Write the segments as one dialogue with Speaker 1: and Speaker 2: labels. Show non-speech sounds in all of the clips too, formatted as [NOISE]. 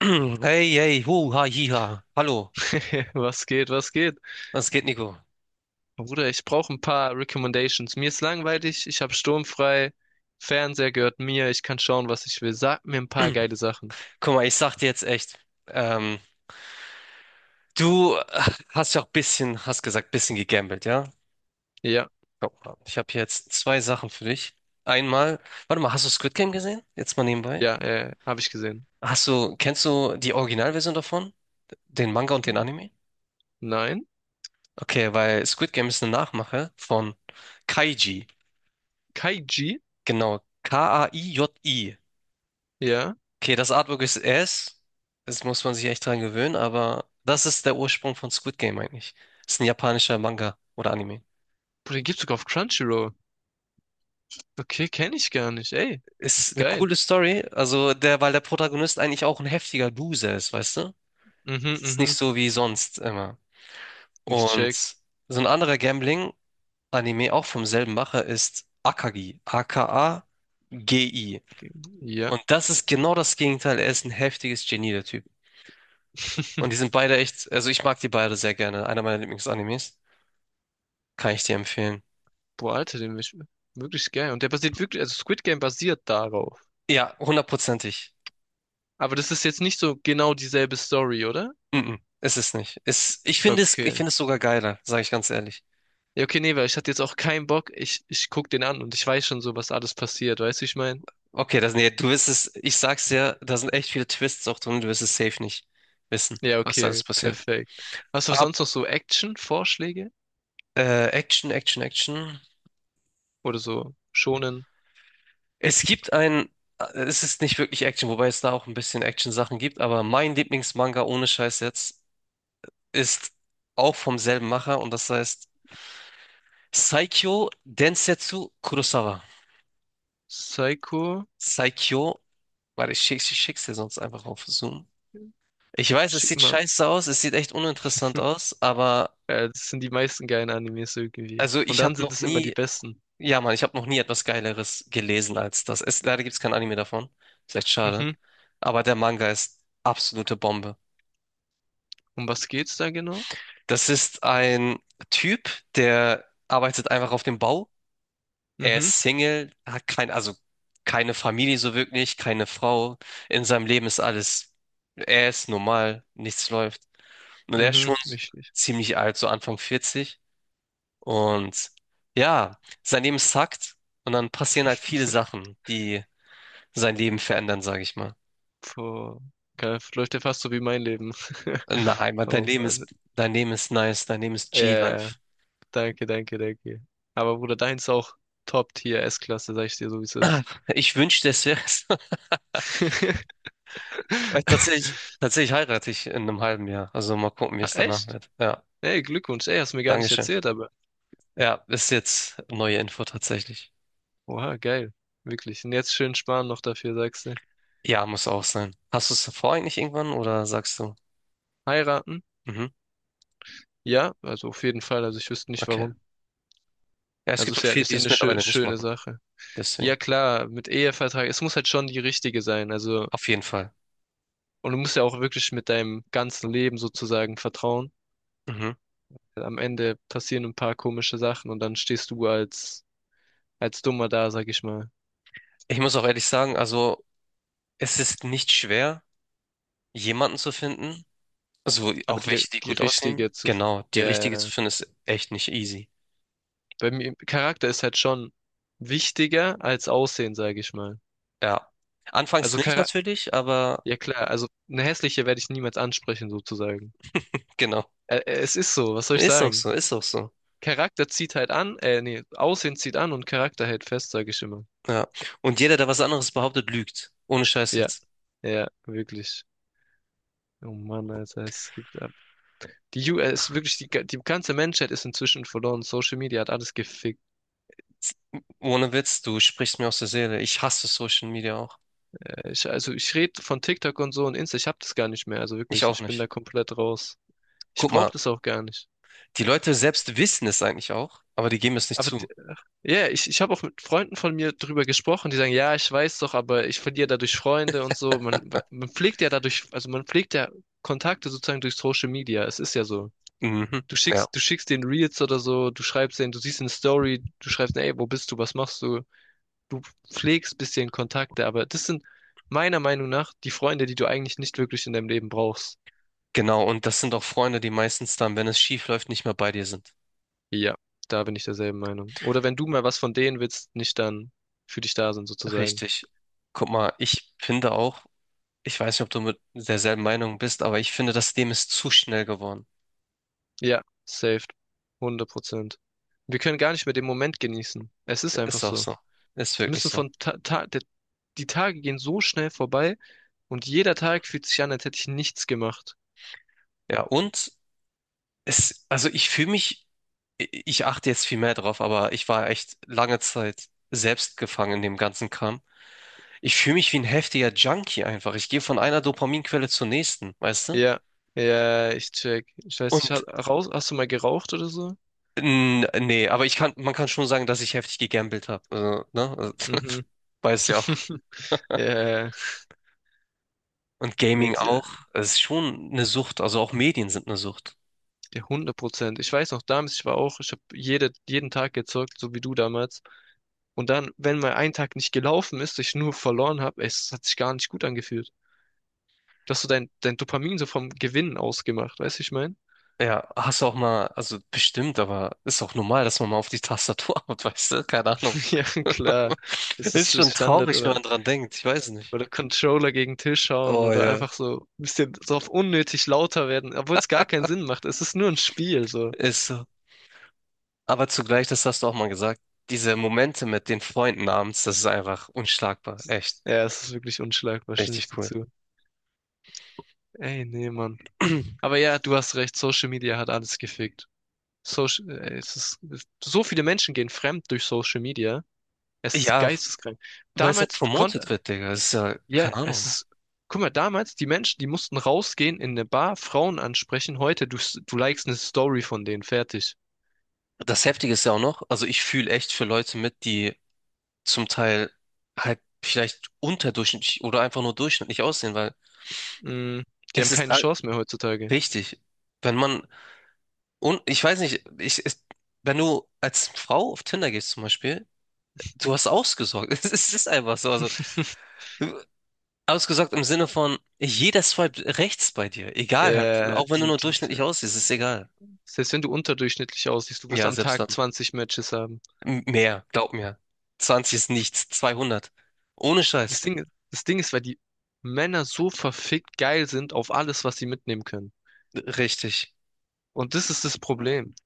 Speaker 1: [CLEARS THROAT] Hey, hey, hu, ha, hi, hiha. Hallo,
Speaker 2: [LAUGHS] Was geht, was geht?
Speaker 1: was geht, Nico?
Speaker 2: Bruder, ich brauche ein paar Recommendations. Mir ist langweilig, ich habe sturmfrei, Fernseher gehört mir, ich kann schauen, was ich will. Sag mir ein paar geile Sachen.
Speaker 1: [CLEARS THROAT] Guck mal, ich sag dir jetzt echt, ähm, du hast ja auch bisschen, hast gesagt, bisschen gegambelt, ja?
Speaker 2: Ja,
Speaker 1: Guck mal, ich habe jetzt zwei Sachen für dich. Einmal, warte mal, hast du Squid Game gesehen? Jetzt mal nebenbei.
Speaker 2: ja, habe ich gesehen.
Speaker 1: Hast du, kennst du die Originalversion davon? Den Manga und den Anime?
Speaker 2: Nein?
Speaker 1: Okay, weil Squid Game ist eine Nachmache von Kaiji.
Speaker 2: Kaiji?
Speaker 1: Genau, K-A-I-J-I.
Speaker 2: Ja.
Speaker 1: Okay, das Artwork ist S. Das muss man sich echt dran gewöhnen, aber das ist der Ursprung von Squid Game eigentlich. Ist ein japanischer Manga oder Anime.
Speaker 2: Bruder, den gibt's sogar auf Crunchyroll. Okay, kenne ich gar nicht. Ey,
Speaker 1: Ist eine
Speaker 2: geil.
Speaker 1: coole Story, also der, weil der Protagonist eigentlich auch ein heftiger Loser ist, weißt du?
Speaker 2: Mhm,
Speaker 1: Ist nicht
Speaker 2: mhm.
Speaker 1: so wie sonst immer.
Speaker 2: Ich
Speaker 1: Und
Speaker 2: check.
Speaker 1: so ein anderer Gambling-Anime, auch vom selben Macher, ist Akagi. A-K-A-G-I.
Speaker 2: Ja.
Speaker 1: Und das ist genau das Gegenteil. Er ist ein heftiges Genie, der Typ. Und die
Speaker 2: [LAUGHS]
Speaker 1: sind beide echt, also ich mag die beide sehr gerne. Einer meiner Lieblingsanimes. Kann ich dir empfehlen.
Speaker 2: Boah, Alter, den ist wirklich geil. Und der basiert wirklich, also Squid Game basiert darauf.
Speaker 1: Ja, hundertprozentig.
Speaker 2: Aber das ist jetzt nicht so genau dieselbe Story, oder?
Speaker 1: Mhm, ist es nicht. Ist, ich
Speaker 2: Okay.
Speaker 1: finde es sogar geiler, sage ich ganz ehrlich.
Speaker 2: Ja, okay, nee, weil ich hatte jetzt auch keinen Bock. Ich guck den an und ich weiß schon so, was alles passiert. Weißt du, wie ich meine?
Speaker 1: Okay, das, nee, du wirst es, ich sag's dir, da sind echt viele Twists auch drin, du wirst es safe nicht wissen,
Speaker 2: Ja,
Speaker 1: was da
Speaker 2: okay,
Speaker 1: alles passiert.
Speaker 2: perfekt. Hast du
Speaker 1: Ab,
Speaker 2: sonst noch so Action-Vorschläge?
Speaker 1: Action, Action, Action.
Speaker 2: Oder so Shonen
Speaker 1: Es gibt ein, es ist nicht wirklich Action, wobei es da auch ein bisschen Action-Sachen gibt, aber mein Lieblingsmanga ohne Scheiß jetzt ist auch vom selben Macher und das heißt Saikyo Densetsu Kurosawa.
Speaker 2: Psycho?
Speaker 1: Saikyo. Warte, ich schick's dir sonst einfach auf Zoom. Ich weiß, es
Speaker 2: Schick
Speaker 1: sieht
Speaker 2: mal.
Speaker 1: scheiße aus, es sieht echt uninteressant aus, aber
Speaker 2: Das sind die meisten geilen Animes irgendwie.
Speaker 1: also
Speaker 2: Und
Speaker 1: ich habe
Speaker 2: dann sind
Speaker 1: noch
Speaker 2: es immer die
Speaker 1: nie,
Speaker 2: besten.
Speaker 1: ja Mann, ich habe noch nie etwas Geileres gelesen als das. Es, leider gibt's kein Anime davon. Ist echt schade.
Speaker 2: Mhm.
Speaker 1: Aber der Manga ist absolute Bombe.
Speaker 2: Um was geht's da genau?
Speaker 1: Das ist ein Typ, der arbeitet einfach auf dem Bau. Er
Speaker 2: Mhm.
Speaker 1: ist Single, hat kein, also keine Familie so wirklich, keine Frau. In seinem Leben ist alles, er ist normal, nichts läuft. Und er ist schon
Speaker 2: Mhm. Wichtig.
Speaker 1: ziemlich alt, so Anfang vierzig. Und ja, sein Leben sackt. Und dann passieren halt viele Sachen, die sein Leben verändern, sage ich mal.
Speaker 2: Boah. Geil, [LAUGHS] läuft ja fast so wie mein Leben.
Speaker 1: In der
Speaker 2: [LAUGHS] Oh Mann.
Speaker 1: Dein Leben ist nice, dein Leben ist
Speaker 2: Ja, ja.
Speaker 1: G-Life.
Speaker 2: Danke, danke, danke. Aber Bruder, deins ist auch Top-Tier S-Klasse, sag ich dir so, wie es ist.
Speaker 1: [CLEARS THROAT] Ich wünschte, es wäre es. [LAUGHS]
Speaker 2: [LAUGHS]
Speaker 1: Weil tatsächlich heirate ich in einem halben Jahr. Also mal gucken, wie
Speaker 2: Ah,
Speaker 1: es danach
Speaker 2: echt?
Speaker 1: wird. Ja,
Speaker 2: Ey, Glückwunsch. Ey, hast mir gar nicht
Speaker 1: Dankeschön.
Speaker 2: erzählt, aber.
Speaker 1: Ja, ist jetzt neue Info tatsächlich.
Speaker 2: Oha, geil. Wirklich. Und jetzt schön sparen noch dafür, sagst du.
Speaker 1: Ja, muss auch sein. Hast du es davor eigentlich irgendwann oder sagst du?
Speaker 2: Heiraten?
Speaker 1: Mhm,
Speaker 2: Ja, also auf jeden Fall. Also ich wüsste nicht
Speaker 1: okay.
Speaker 2: warum.
Speaker 1: Ja, es
Speaker 2: Also
Speaker 1: gibt auch viele,
Speaker 2: ist
Speaker 1: die
Speaker 2: ja
Speaker 1: es
Speaker 2: eine
Speaker 1: mittlerweile nicht
Speaker 2: schöne
Speaker 1: machen.
Speaker 2: Sache.
Speaker 1: Deswegen,
Speaker 2: Ja, klar, mit Ehevertrag. Es muss halt schon die richtige sein. Also,
Speaker 1: auf jeden Fall.
Speaker 2: und du musst ja auch wirklich mit deinem ganzen Leben sozusagen vertrauen.
Speaker 1: Mhm.
Speaker 2: Am Ende passieren ein paar komische Sachen und dann stehst du als Dummer da, sag ich mal.
Speaker 1: Ich muss auch ehrlich sagen, also es ist nicht schwer, jemanden zu finden, also
Speaker 2: Aber
Speaker 1: auch welche, die gut aussehen. Genau, die richtige zu
Speaker 2: ja,
Speaker 1: finden ist echt nicht easy.
Speaker 2: bei mir, Charakter ist halt schon wichtiger als Aussehen, sage ich mal.
Speaker 1: Ja, anfangs
Speaker 2: Also
Speaker 1: nicht
Speaker 2: Charakter,
Speaker 1: natürlich, aber
Speaker 2: ja klar, also eine hässliche werde ich niemals ansprechen, sozusagen.
Speaker 1: genau,
Speaker 2: Ä Es ist so, was soll ich
Speaker 1: ist auch
Speaker 2: sagen?
Speaker 1: so, ist auch so.
Speaker 2: Charakter zieht halt an, nee, Aussehen zieht an und Charakter hält fest, sage ich immer.
Speaker 1: Ja, und jeder, der was anderes behauptet, lügt. Ohne Scheiß
Speaker 2: Ja,
Speaker 1: jetzt.
Speaker 2: ja, wirklich. Oh Mann, Alter, es gibt ab. Es ist wirklich, die ganze Menschheit ist inzwischen verloren. Social Media hat alles gefickt.
Speaker 1: Ohne Witz, du sprichst mir aus der Seele. Ich hasse Social Media auch.
Speaker 2: Ich rede von TikTok und so und Insta, ich hab das gar nicht mehr. Also
Speaker 1: Ich
Speaker 2: wirklich,
Speaker 1: auch
Speaker 2: ich bin da
Speaker 1: nicht.
Speaker 2: komplett raus. Ich
Speaker 1: Guck
Speaker 2: brauche
Speaker 1: mal,
Speaker 2: das auch gar nicht.
Speaker 1: die Leute selbst wissen es eigentlich auch, aber die geben es nicht
Speaker 2: Aber d-
Speaker 1: zu.
Speaker 2: ich habe auch mit Freunden von mir drüber gesprochen, die sagen, ja, ich weiß doch, aber ich verliere dadurch Freunde und so. Man pflegt ja dadurch, also man pflegt ja Kontakte sozusagen durch Social Media. Es ist ja so.
Speaker 1: Mhm. Ja.
Speaker 2: Du schickst den Reels oder so, du schreibst denen, du siehst eine Story, du schreibst, ey, wo bist du, was machst du? Du pflegst bisschen Kontakte, aber das sind meiner Meinung nach die Freunde, die du eigentlich nicht wirklich in deinem Leben brauchst.
Speaker 1: Genau, und das sind auch Freunde, die meistens dann, wenn es schief läuft, nicht mehr bei dir sind.
Speaker 2: Ja, da bin ich derselben Meinung. Oder wenn du mal was von denen willst, nicht dann für dich da sind sozusagen.
Speaker 1: Richtig. Guck mal, ich finde auch, ich weiß nicht, ob du mit derselben Meinung bist, aber ich finde, das Leben ist zu schnell geworden.
Speaker 2: Ja, saved. 100%. Wir können gar nicht mehr den Moment genießen. Es ist einfach
Speaker 1: Ist auch
Speaker 2: so.
Speaker 1: so. Ist
Speaker 2: Wir
Speaker 1: wirklich
Speaker 2: müssen
Speaker 1: so.
Speaker 2: von Ta Ta der, die Tage gehen so schnell vorbei und jeder Tag fühlt sich an, als hätte ich nichts gemacht.
Speaker 1: Ja, und es, also ich fühle mich, ich achte jetzt viel mehr drauf, aber ich war echt lange Zeit selbst gefangen in dem ganzen Kram. Ich fühle mich wie ein heftiger Junkie einfach. Ich gehe von einer Dopaminquelle zur nächsten, weißt du?
Speaker 2: Ja, ja, ich check. Ich weiß nicht,
Speaker 1: Und
Speaker 2: hast du mal geraucht oder so?
Speaker 1: N nee, aber ich kann, man kann schon sagen, dass ich heftig gegambelt habe. Also, ne? Also, [LAUGHS]
Speaker 2: Mhm.
Speaker 1: weiß ja auch.
Speaker 2: [LAUGHS] Ja,
Speaker 1: Und
Speaker 2: nee,
Speaker 1: Gaming
Speaker 2: die,
Speaker 1: auch.
Speaker 2: äh,
Speaker 1: Es ist schon eine Sucht. Also auch Medien sind eine Sucht.
Speaker 2: ja, 100%. Ich weiß noch, damals, ich habe jeden Tag gezockt, so wie du damals. Und dann, wenn mal ein Tag nicht gelaufen ist, ich nur verloren habe, es hat sich gar nicht gut angefühlt. Du hast so dein Dopamin so vom Gewinnen ausgemacht, weißt du, ich mein?
Speaker 1: Ja, hast du auch mal, also bestimmt, aber ist auch normal, dass man mal auf die Tastatur [LAUGHS] haut, weißt du? Keine Ahnung.
Speaker 2: [LAUGHS] Ja, klar.
Speaker 1: [LAUGHS]
Speaker 2: Das ist
Speaker 1: Ist
Speaker 2: so
Speaker 1: schon
Speaker 2: Standard
Speaker 1: traurig, wenn man dran denkt. Ich weiß nicht.
Speaker 2: oder Controller gegen Tisch hauen
Speaker 1: Oh
Speaker 2: oder
Speaker 1: ja,
Speaker 2: einfach so ein bisschen so auf unnötig lauter werden, obwohl es gar keinen Sinn macht. Es ist nur ein Spiel, so.
Speaker 1: ist so. Aber zugleich, das hast du auch mal gesagt, diese Momente mit den Freunden abends, das ist einfach unschlagbar. Echt,
Speaker 2: Ja, es ist wirklich unschlagbar, stimme ich
Speaker 1: richtig
Speaker 2: dir
Speaker 1: cool.
Speaker 2: zu. Ey, nee, Mann. Aber
Speaker 1: [CLEARS THROAT]
Speaker 2: ja, du hast recht, Social Media hat alles gefickt. Es ist, es, so viele Menschen gehen fremd durch Social Media. Es ist
Speaker 1: Ja,
Speaker 2: geisteskrank.
Speaker 1: weil es auch
Speaker 2: Damals, du
Speaker 1: promotet
Speaker 2: konntest,
Speaker 1: wird, Digga. Das ist ja,
Speaker 2: ja,
Speaker 1: keine
Speaker 2: es
Speaker 1: Ahnung.
Speaker 2: ist, guck mal, damals, die Menschen, die mussten rausgehen in eine Bar, Frauen ansprechen. Heute, du likest eine Story von denen, fertig.
Speaker 1: Das Heftige ist ja auch noch, also ich fühle echt für Leute mit, die zum Teil halt vielleicht unterdurchschnittlich oder einfach nur durchschnittlich aussehen, weil
Speaker 2: Mm, die
Speaker 1: es
Speaker 2: haben
Speaker 1: ist
Speaker 2: keine
Speaker 1: all-
Speaker 2: Chance mehr heutzutage.
Speaker 1: richtig. Wenn man, und ich weiß nicht, wenn du als Frau auf Tinder gehst zum Beispiel, du hast ausgesorgt. [LAUGHS] Es ist einfach so. Also
Speaker 2: [LAUGHS]
Speaker 1: ausgesorgt im Sinne von, jeder swipe rechts bei dir. Egal halt,
Speaker 2: Ja,
Speaker 1: auch wenn du nur durchschnittlich aussiehst, ist egal.
Speaker 2: selbst wenn du unterdurchschnittlich aussiehst, du wirst
Speaker 1: Ja,
Speaker 2: am
Speaker 1: selbst
Speaker 2: Tag
Speaker 1: dann.
Speaker 2: 20 Matches haben.
Speaker 1: Mehr, glaub mir. 20 ist nichts, 200. Ohne
Speaker 2: Das
Speaker 1: Scheiß.
Speaker 2: Ding, das Ding ist, weil die Männer so verfickt geil sind auf alles, was sie mitnehmen können.
Speaker 1: Richtig.
Speaker 2: Und das ist das Problem.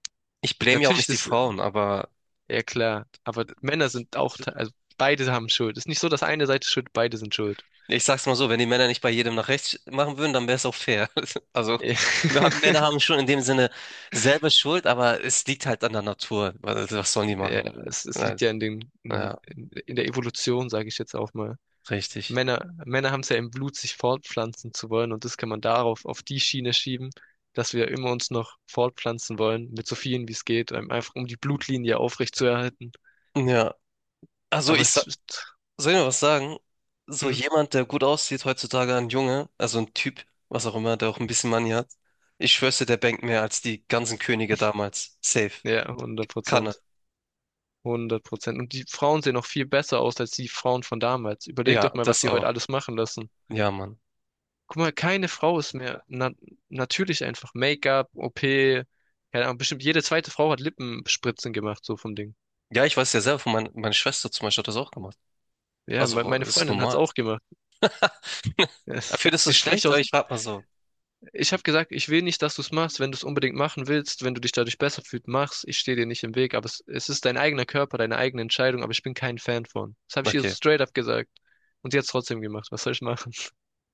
Speaker 1: Ich blame ja auch
Speaker 2: Natürlich,
Speaker 1: nicht die
Speaker 2: das.
Speaker 1: Frauen, aber
Speaker 2: Ja, klar. Aber Männer sind auch, also beide haben Schuld. Ist nicht so, dass eine Seite schuld, beide sind schuld.
Speaker 1: ich sag's mal so, wenn die Männer nicht bei jedem nach rechts machen würden, dann wäre es auch fair. [LAUGHS] Also,
Speaker 2: Ja,
Speaker 1: Männer
Speaker 2: [LAUGHS]
Speaker 1: haben schon in dem Sinne selber Schuld, aber es liegt halt an der Natur. Was sollen die
Speaker 2: ja,
Speaker 1: machen?
Speaker 2: es
Speaker 1: Ja,
Speaker 2: liegt ja in den,
Speaker 1: ja,
Speaker 2: in der Evolution, sage ich jetzt auch mal.
Speaker 1: richtig.
Speaker 2: Männer haben es ja im Blut, sich fortpflanzen zu wollen und das kann man darauf, auf die Schiene schieben, dass wir immer uns noch fortpflanzen wollen, mit so vielen wie es geht, einfach um die Blutlinie aufrechtzuerhalten.
Speaker 1: Ja, also
Speaker 2: Aber
Speaker 1: ich.
Speaker 2: es ist,
Speaker 1: Soll ich mal was sagen? So
Speaker 2: hm,
Speaker 1: jemand, der gut aussieht heutzutage, ein Junge, also ein Typ, was auch immer, der auch ein bisschen Money hat. Ich schwör's dir, der bankt mehr als die ganzen Könige damals. Safe.
Speaker 2: ja, hundert
Speaker 1: Kann er.
Speaker 2: Prozent. 100%. Und die Frauen sehen noch viel besser aus als die Frauen von damals. Überleg doch
Speaker 1: Ja,
Speaker 2: mal, was
Speaker 1: das
Speaker 2: die
Speaker 1: auch.
Speaker 2: heute alles machen lassen.
Speaker 1: Ja, Mann.
Speaker 2: Guck mal, keine Frau ist mehr natürlich. Einfach Make-up, OP, keine Ahnung, bestimmt jede zweite Frau hat Lippenspritzen gemacht, so vom Ding.
Speaker 1: Ja, ich weiß ja selber, meine Schwester zum Beispiel hat das auch gemacht.
Speaker 2: Ja, me
Speaker 1: Also,
Speaker 2: meine
Speaker 1: das ist
Speaker 2: Freundin hat's
Speaker 1: normal.
Speaker 2: auch gemacht.
Speaker 1: [LAUGHS]
Speaker 2: Es-
Speaker 1: Findest du es
Speaker 2: ich
Speaker 1: schlecht?
Speaker 2: spreche
Speaker 1: Aber
Speaker 2: aus,
Speaker 1: ich frag mal so.
Speaker 2: ich habe gesagt, ich will nicht, dass du's machst. Wenn du's unbedingt machen willst, wenn du dich dadurch besser fühlst, mach's. Ich stehe dir nicht im Weg, aber es ist dein eigener Körper, deine eigene Entscheidung, aber ich bin kein Fan von. Das habe ich ihr so
Speaker 1: Okay.
Speaker 2: straight up gesagt. Und sie hat's trotzdem gemacht. Was soll ich machen?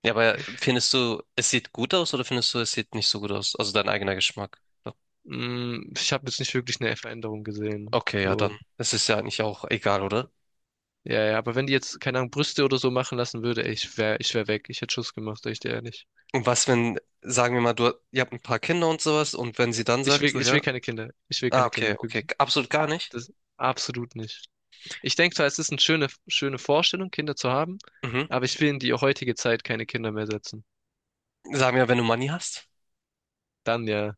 Speaker 1: Ja, aber findest du, es sieht gut aus oder findest du, es sieht nicht so gut aus? Also dein eigener Geschmack. So.
Speaker 2: Mm, ich habe jetzt nicht wirklich eine Veränderung gesehen.
Speaker 1: Okay, ja, dann.
Speaker 2: So.
Speaker 1: Es ist ja eigentlich auch egal, oder?
Speaker 2: Ja, ja, aber wenn die jetzt, keine Ahnung, Brüste oder so machen lassen würde, ey, ich wär weg. Ich hätte Schluss gemacht, sag ich dir ehrlich.
Speaker 1: Und was, wenn, sagen wir mal, du, ihr habt ein paar Kinder und sowas, und wenn sie dann sagt, so,
Speaker 2: Ich will
Speaker 1: ja,
Speaker 2: keine Kinder. Ich will
Speaker 1: ah,
Speaker 2: keine
Speaker 1: okay,
Speaker 2: Kinder,
Speaker 1: okay,
Speaker 2: wirklich.
Speaker 1: absolut gar nicht.
Speaker 2: Das absolut nicht. Ich denke zwar, es ist eine schöne Vorstellung, Kinder zu haben,
Speaker 1: Mhm.
Speaker 2: aber ich will in die heutige Zeit keine Kinder mehr setzen.
Speaker 1: Sagen wir, wenn du Money hast?
Speaker 2: Dann ja,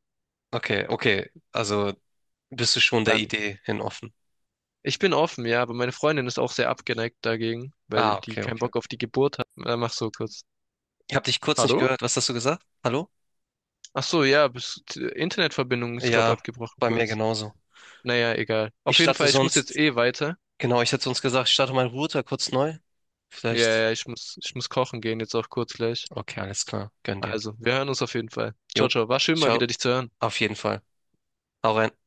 Speaker 1: Okay, okay, also bist du schon der
Speaker 2: dann.
Speaker 1: Idee hin offen.
Speaker 2: Ich bin offen, ja, aber meine Freundin ist auch sehr abgeneigt dagegen, weil
Speaker 1: Ah,
Speaker 2: die
Speaker 1: okay,
Speaker 2: keinen
Speaker 1: okay.
Speaker 2: Bock auf die Geburt hat. Dann mach so kurz.
Speaker 1: Ich habe dich kurz nicht
Speaker 2: Hallo?
Speaker 1: gehört. Was hast du gesagt? Hallo?
Speaker 2: Ach so, ja, bis, Internetverbindung ist, glaube
Speaker 1: Ja,
Speaker 2: abgebrochen
Speaker 1: bei mir
Speaker 2: kurz.
Speaker 1: genauso.
Speaker 2: Naja, egal.
Speaker 1: Ich
Speaker 2: Auf jeden
Speaker 1: starte
Speaker 2: Fall, ich muss jetzt
Speaker 1: sonst,
Speaker 2: eh weiter.
Speaker 1: genau, ich hätte sonst gesagt, ich starte meinen Router kurz neu.
Speaker 2: Ja,
Speaker 1: Vielleicht.
Speaker 2: ja, ich muss kochen gehen, jetzt auch kurz gleich.
Speaker 1: Okay, alles klar. Gönn dir.
Speaker 2: Also, wir hören uns auf jeden Fall.
Speaker 1: Jo,
Speaker 2: Ciao, ciao. War schön mal
Speaker 1: ciao.
Speaker 2: wieder dich zu hören.
Speaker 1: Auf jeden Fall. Hau rein.